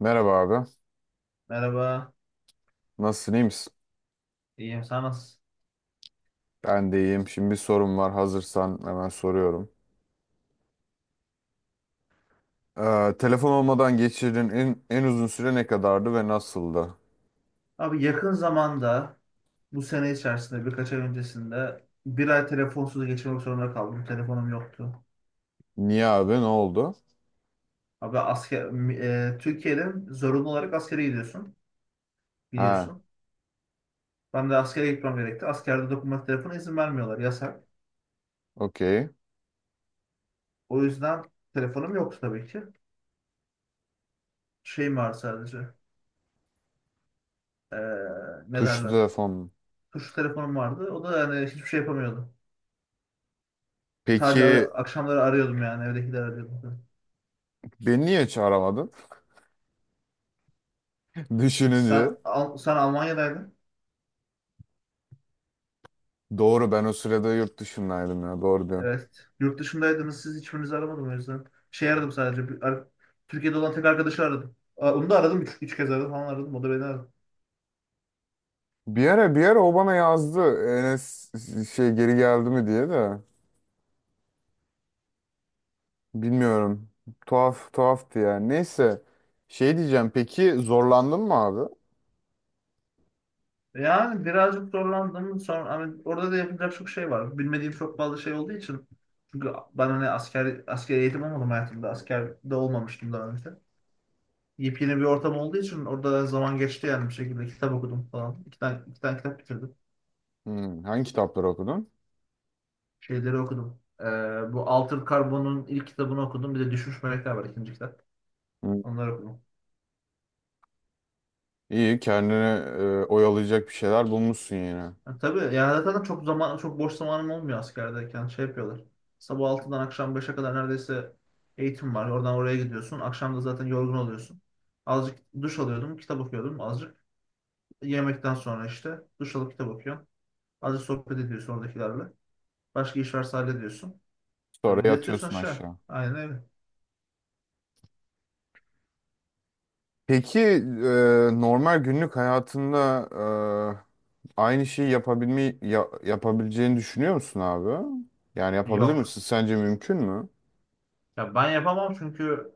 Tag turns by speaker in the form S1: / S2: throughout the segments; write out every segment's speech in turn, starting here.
S1: Merhaba abi.
S2: Merhaba,
S1: Nasılsın, iyi misin?
S2: iyiyim. Sen nasılsın?
S1: Ben de iyiyim. Şimdi bir sorum var. Hazırsan hemen soruyorum. Telefon olmadan geçirdiğin en uzun süre ne kadardı ve nasıldı?
S2: Abi yakın zamanda, bu sene içerisinde, birkaç ay öncesinde bir ay telefonsuz geçirmek zorunda kaldım. Telefonum yoktu.
S1: Niye abi? Ne oldu?
S2: Abi Türkiye'de zorunlu olarak askere gidiyorsun,
S1: Ha,
S2: biliyorsun. Ben de askere gitmem gerekti. Askerde dokunmatik telefona izin vermiyorlar, yasak.
S1: okey.
S2: O yüzden telefonum yoktu tabii ki. Şeyim vardı sadece. E, ne
S1: Tuşlu
S2: derler?
S1: telefon.
S2: Tuşlu telefonum vardı. O da yani hiçbir şey yapamıyordum. Sadece
S1: Peki
S2: akşamları arıyordum yani, evdekileri arıyordum.
S1: beni niye hiç aramadın? Düşününce.
S2: Sen Almanya'daydın.
S1: Doğru ben o sırada yurt dışındaydım ya. Doğru diyorsun.
S2: Evet. Yurt dışındaydınız. Siz hiçbirinizi aramadım o yüzden. Şey aradım sadece. Türkiye'de olan tek arkadaşı aradım. Onu da aradım. Üç kez aradım falan aradım. O da beni aradı.
S1: Bir ara o bana yazdı. Enes şey geri geldi mi diye de. Bilmiyorum. Tuhaftı yani. Neyse. Şey diyeceğim. Peki zorlandın mı abi?
S2: Yani birazcık zorlandım. Sonra hani orada da yapacak çok şey var. Bilmediğim çok fazla şey olduğu için. Çünkü ben hani asker eğitim olmadım hayatımda. Askerde olmamıştım daha önce. Yepyeni bir ortam olduğu için orada zaman geçti yani bir şekilde. Kitap okudum falan. İki tane kitap bitirdim.
S1: Hmm, hangi kitapları okudun?
S2: Şeyleri okudum. Bu Altered Carbon'un ilk kitabını okudum. Bir de Düşmüş Melekler var ikinci kitap.
S1: Hmm.
S2: Onları okudum.
S1: İyi, kendini oyalayacak bir şeyler bulmuşsun yine.
S2: Ha, tabii yani zaten çok boş zamanım olmuyor askerdeyken. Şey yapıyorlar. Sabah 6'dan akşam 5'e kadar neredeyse eğitim var. Oradan oraya gidiyorsun. Akşam da zaten yorgun oluyorsun. Azıcık duş alıyordum. Kitap okuyordum azıcık. Yemekten sonra işte duş alıp kitap okuyorsun. Azıcık sohbet ediyorsun oradakilerle. Başka iş varsa hallediyorsun.
S1: Sonra
S2: Böyle yatıyorsun
S1: yatıyorsun
S2: aşağı.
S1: aşağı.
S2: Aynen öyle.
S1: Peki normal günlük hayatında aynı şeyi yapabileceğini düşünüyor musun abi? Yani yapabilir
S2: Yok.
S1: misin? Sence mümkün mü?
S2: Ya ben yapamam çünkü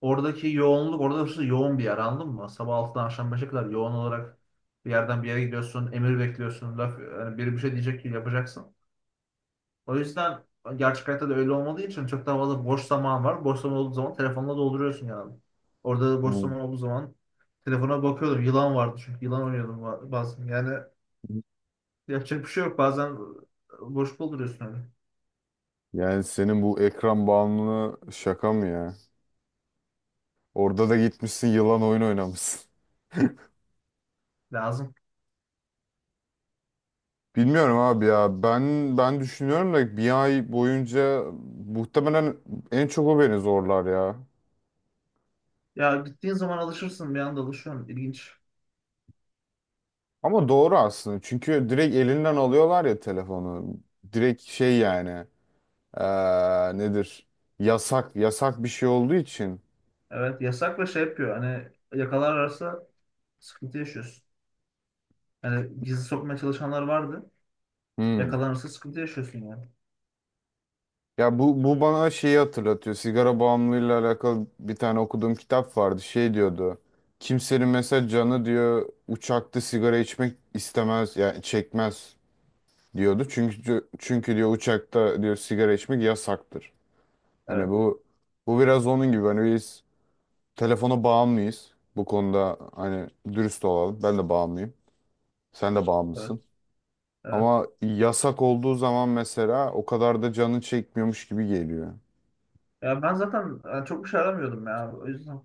S2: oradaki yoğunluk, orada hırsı yoğun bir yer anladın mı? Sabah 6'dan akşam 5'e kadar yoğun olarak bir yerden bir yere gidiyorsun, emir bekliyorsun, laf, yani biri bir şey diyecek ki yapacaksın. O yüzden gerçek hayatta da öyle olmadığı için çok daha fazla boş zaman var. Boş zaman olduğu zaman telefonla dolduruyorsun yani. Orada da boş
S1: Hmm.
S2: zaman olduğu zaman telefona bakıyordum. Yılan vardı çünkü yılan oynuyordum bazen. Yani yapacak bir şey yok. Bazen boş dolduruyorsun öyle.
S1: Yani senin bu ekran bağımlılığı şaka mı ya? Orada da gitmişsin yılan oyun oynamışsın.
S2: Lazım.
S1: Bilmiyorum abi ya. Ben düşünüyorum da bir ay boyunca muhtemelen en çok o beni zorlar ya.
S2: Ya gittiğin zaman alışırsın bir anda alışıyorsun. İlginç.
S1: Ama doğru aslında. Çünkü direkt elinden alıyorlar ya telefonu. Direkt şey yani. Nedir? Yasak. Yasak bir şey olduğu için.
S2: Evet yasak ve şey yapıyor. Hani yakalarlarsa sıkıntı yaşıyorsun. Yani gizli sokmaya çalışanlar vardı.
S1: Hmm.
S2: Yakalanırsa sıkıntı yaşıyorsun yani.
S1: Ya bu bana şeyi hatırlatıyor. Sigara bağımlılığıyla alakalı bir tane okuduğum kitap vardı. Şey diyordu. Kimsenin mesela canı diyor uçakta sigara içmek istemez. Yani çekmez. Diyordu. Çünkü diyor uçakta diyor sigara içmek yasaktır. Hani
S2: Evet,
S1: bu biraz onun gibi hani biz telefona bağımlıyız. Bu konuda hani dürüst olalım. Ben de bağımlıyım. Sen de
S2: evet,
S1: bağımlısın.
S2: evet.
S1: Ama yasak olduğu zaman mesela o kadar da canın çekmiyormuş gibi geliyor.
S2: Ya ben zaten yani çok bir şey aramıyordum ya. O yüzden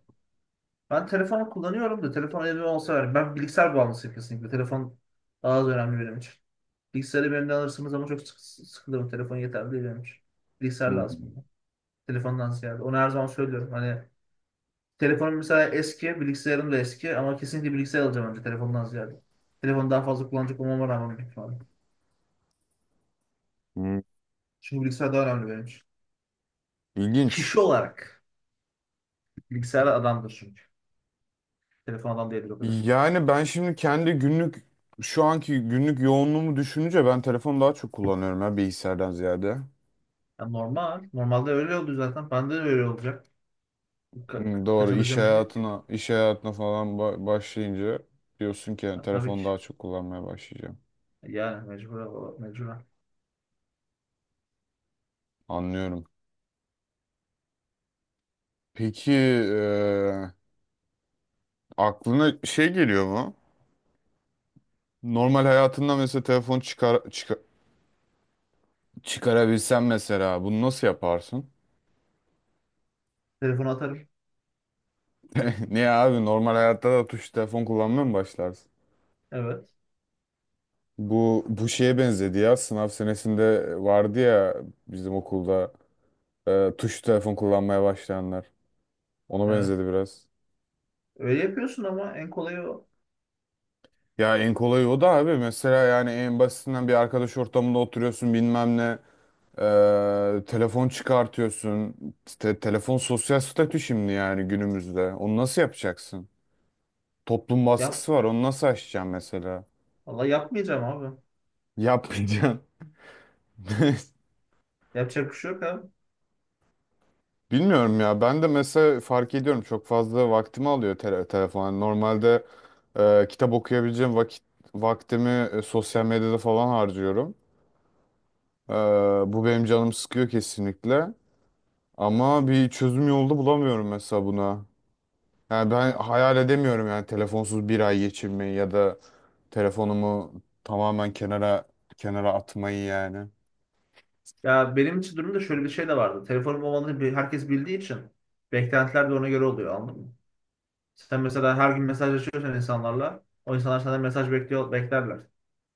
S2: ben telefonu kullanıyorum da telefon elime olsa ver. Ben bilgisayar bağımlısıyım kesinlikle. Telefon daha az önemli benim için. Bilgisayarı benimden alırsınız ama çok sık, sıkılırım. Telefon yeterli değil benim için. Bilgisayar lazım
S1: Hmm.
S2: bana. Telefondan ziyade. Onu her zaman söylüyorum. Hani telefonum mesela eski, bilgisayarım da eski ama kesinlikle bilgisayar alacağım önce telefondan ziyade. Telefonu daha fazla kullanacak olmama rağmen büyük ihtimalle.
S1: Hmm.
S2: Çünkü bilgisayar daha önemli benim için.
S1: İlginç.
S2: Kişi olarak bilgisayar adamdır çünkü. Telefon adam değildir o kadar.
S1: Yani ben şimdi kendi günlük şu anki günlük yoğunluğumu düşününce ben telefonu daha çok kullanıyorum ya bilgisayardan ziyade.
S2: Ya normal. Normalde öyle oldu zaten. Bende de öyle olacak. Ka-
S1: Hı,
S2: ka-
S1: doğru iş
S2: kaçabileceğim bir şey değil ki.
S1: hayatına iş hayatına falan başlayınca diyorsun ki yani
S2: Ha, tabii
S1: telefonu
S2: ki.
S1: daha çok kullanmaya başlayacağım.
S2: Yani mecbur, mecbur.
S1: Anlıyorum. Peki aklına şey geliyor mu? Normal hayatında mesela telefon çıkarabilsen mesela bunu nasıl yaparsın?
S2: Telefonu atarım.
S1: Niye abi normal hayatta da tuş telefon kullanmaya mı başlarsın?
S2: Evet.
S1: Bu şeye benzedi ya sınav senesinde vardı ya bizim okulda tuş telefon kullanmaya başlayanlar. Ona
S2: Evet.
S1: benzedi biraz.
S2: Öyle yapıyorsun ama en kolayı o.
S1: Ya en kolayı o da abi. Mesela yani en basitinden bir arkadaş ortamında oturuyorsun bilmem ne. Telefon çıkartıyorsun. Telefon sosyal statü şimdi yani günümüzde. Onu nasıl yapacaksın? Toplum
S2: Yap.
S1: baskısı var. Onu nasıl aşacaksın mesela?
S2: Valla yapmayacağım abi.
S1: Yapmayacaksın.
S2: Yapacak bir şey yok abi.
S1: Bilmiyorum ya. Ben de mesela fark ediyorum. Çok fazla vaktimi alıyor telefon. Yani normalde kitap okuyabileceğim vaktimi sosyal medyada falan harcıyorum. Ee, Bu benim canım sıkıyor kesinlikle. Ama bir çözüm yolda bulamıyorum mesela buna. Yani ben hayal edemiyorum yani telefonsuz bir ay geçirmeyi ya da telefonumu tamamen kenara atmayı yani.
S2: Ya benim için durumda şöyle bir şey de vardı. Telefonum olmadığını herkes bildiği için beklentiler de ona göre oluyor anladın mı? Sen mesela her gün mesajlaşıyorsan insanlarla o insanlar senden mesaj bekliyor, beklerler.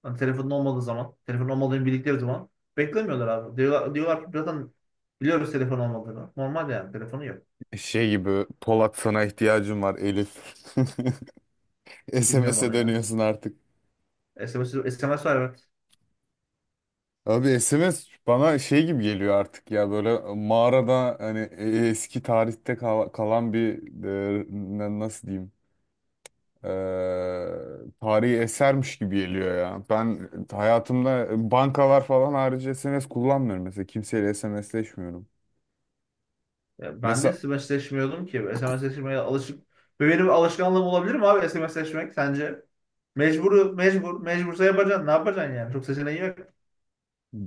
S2: Hani telefonun olmadığı zaman, telefonun olmadığını bildikleri zaman beklemiyorlar abi. Diyorlar ki zaten biliyoruz telefon olmadığını. Normal yani telefonu yok.
S1: Şey gibi Polat sana ihtiyacım var Elif.
S2: Bilmiyorum
S1: SMS'e
S2: onu ya.
S1: dönüyorsun artık.
S2: SMS var evet.
S1: Abi SMS bana şey gibi geliyor artık ya böyle mağarada hani eski tarihte kalan bir nasıl diyeyim tarihi esermiş gibi geliyor ya. Ben hayatımda bankalar falan harici SMS kullanmıyorum mesela. Kimseyle SMSleşmiyorum.
S2: Ya ben de
S1: Mesela
S2: SMSleşmiyordum ki. SMSleşmeye alışık. Ve benim alışkanlığım olabilir mi abi SMSleşmek sence? Mecbur. Mecbursa yapacaksın. Ne yapacaksın yani? Çok seçeneği yok.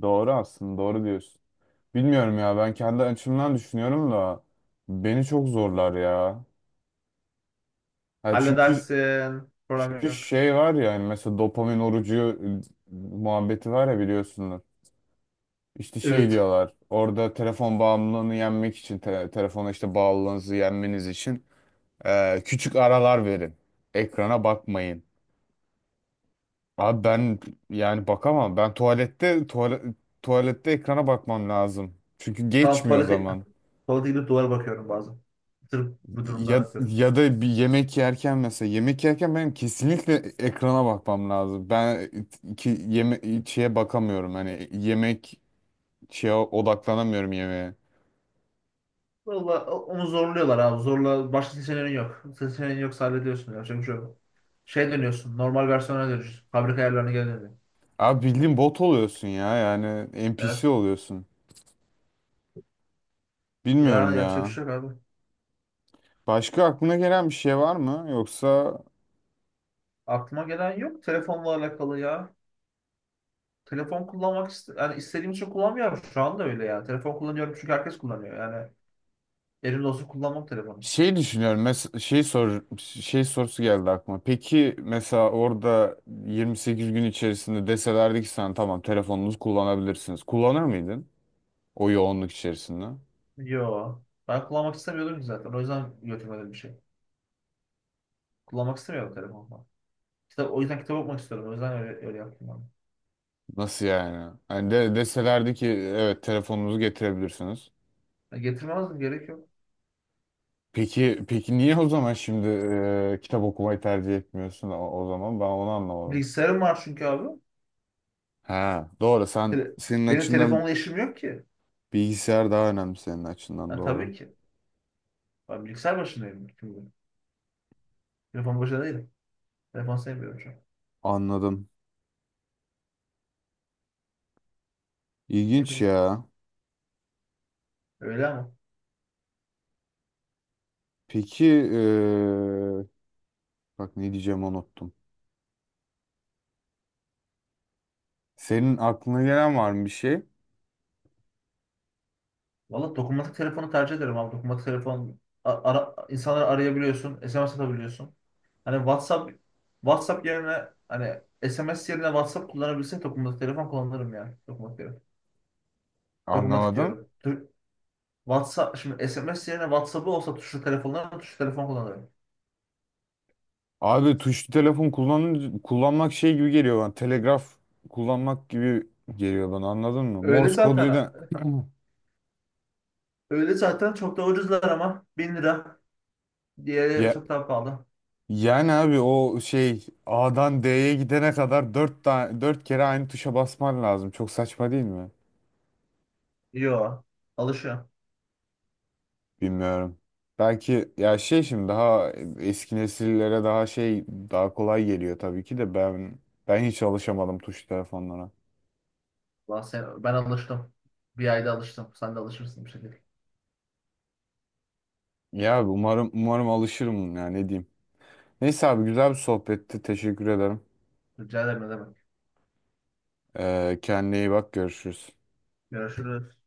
S1: doğru aslında doğru diyorsun. Bilmiyorum ya ben kendi açımdan düşünüyorum da beni çok zorlar ya. Ha, çünkü
S2: Halledersin. Problem
S1: çünkü
S2: yok.
S1: şey var ya hani mesela dopamin orucu muhabbeti var ya biliyorsunuz. İşte şey
S2: Evet.
S1: diyorlar orada telefon bağımlılığını yenmek için telefona işte bağlılığınızı yenmeniz için. Küçük aralar verin. Ekrana bakmayın. Abi ben yani bakamam. Ben tuvalette ekrana bakmam lazım. Çünkü
S2: Lan
S1: geçmiyor
S2: tuvalete,
S1: zaman.
S2: Tuvalete gidip duvara bakıyorum bazen. Sırf bu durumdan
S1: Ya
S2: atıyorum.
S1: ya da bir yemek yerken benim kesinlikle ekrana bakmam lazım. Ben ki yeme şeye bakamıyorum. Hani şeye odaklanamıyorum yemeğe.
S2: Valla onu zorluyorlar abi. Zorla başka seçeneğin yok. Seçeneğin yoksa hallediyorsun. Yapacak bir şey yok. Şey dönüyorsun. Normal versiyona dönüyorsun. Fabrika ayarlarına geri dönüyorsun.
S1: Abi bildiğin bot oluyorsun ya. Yani NPC
S2: Evet.
S1: oluyorsun.
S2: Ya
S1: Bilmiyorum
S2: yapacak bir
S1: ya.
S2: şey yok abi.
S1: Başka aklına gelen bir şey var mı? Yoksa,
S2: Aklıma gelen yok telefonla alakalı ya. Telefon kullanmak yani istediğim için kullanmıyorum. Şu anda öyle yani. Telefon kullanıyorum çünkü herkes kullanıyor. Yani elimde olsun kullanmam telefonu.
S1: şey düşünüyorum. Mes şey sor şey sorusu geldi aklıma. Peki mesela orada 28 gün içerisinde deselerdi ki sen tamam telefonunuzu kullanabilirsiniz. Kullanır mıydın o yoğunluk içerisinde?
S2: Yo. Ben kullanmak istemiyordum ki zaten. O yüzden götürmedim bir şey. Kullanmak istemiyordum telefonu. O yüzden kitap okumak istiyorum. O yüzden öyle, öyle yaptım abi.
S1: Nasıl yani? Hani deselerdi ki evet telefonunuzu getirebilirsiniz.
S2: Ya getirmezdim gerek yok.
S1: Peki niye o zaman şimdi kitap okumayı tercih etmiyorsun o zaman? Ben onu anlamadım.
S2: Bilgisayarım var çünkü abi.
S1: Ha, doğru. Sen
S2: Tele-
S1: senin
S2: benim
S1: açından
S2: telefonla işim yok ki.
S1: bilgisayar daha önemli senin açından
S2: Ha,
S1: doğru.
S2: tabii ki. Ben bilgisayar başındayım bütün gün. Telefon başında değilim. Telefon sevmiyorum şu an.
S1: Anladım.
S2: Ne
S1: İlginç
S2: bileyim.
S1: ya.
S2: Öyle ama.
S1: Peki bak ne diyeceğimi unuttum. Senin aklına gelen var mı bir şey?
S2: Valla dokunmatik telefonu tercih ederim abi. Dokunmatik telefon insanları arayabiliyorsun. SMS atabiliyorsun. Hani WhatsApp yerine hani SMS yerine WhatsApp kullanabilsek dokunmatik telefon kullanırım yani. Dokunmatik telefon. Dokunmatik
S1: Anlamadım.
S2: diyorum. WhatsApp şimdi SMS yerine WhatsApp'ı olsa tuşlu telefon kullanırım.
S1: Abi tuşlu telefon kullanmak şey gibi geliyor bana. Telegraf kullanmak gibi geliyor bana anladın mı?
S2: Öyle
S1: Morse
S2: zaten
S1: koduyla
S2: öyle zaten çok da ucuzlar ama 1.000 lira diğeri
S1: ya,
S2: çok daha pahalı.
S1: yani abi o şey A'dan D'ye gidene kadar 4 kere aynı tuşa basman lazım. Çok saçma değil mi?
S2: Yo alışıyor.
S1: Bilmiyorum. Belki ya şey şimdi daha eski nesillere daha şey daha kolay geliyor tabii ki de ben hiç alışamadım tuşlu telefonlara.
S2: Ben alıştım. Bir ayda alıştım. Sen de alışırsın bir şekilde.
S1: Ya umarım alışırım ya ne diyeyim. Neyse abi güzel bir sohbetti. Teşekkür ederim.
S2: Rica ederim ne demek.
S1: Kendine iyi bak görüşürüz.
S2: Görüşürüz.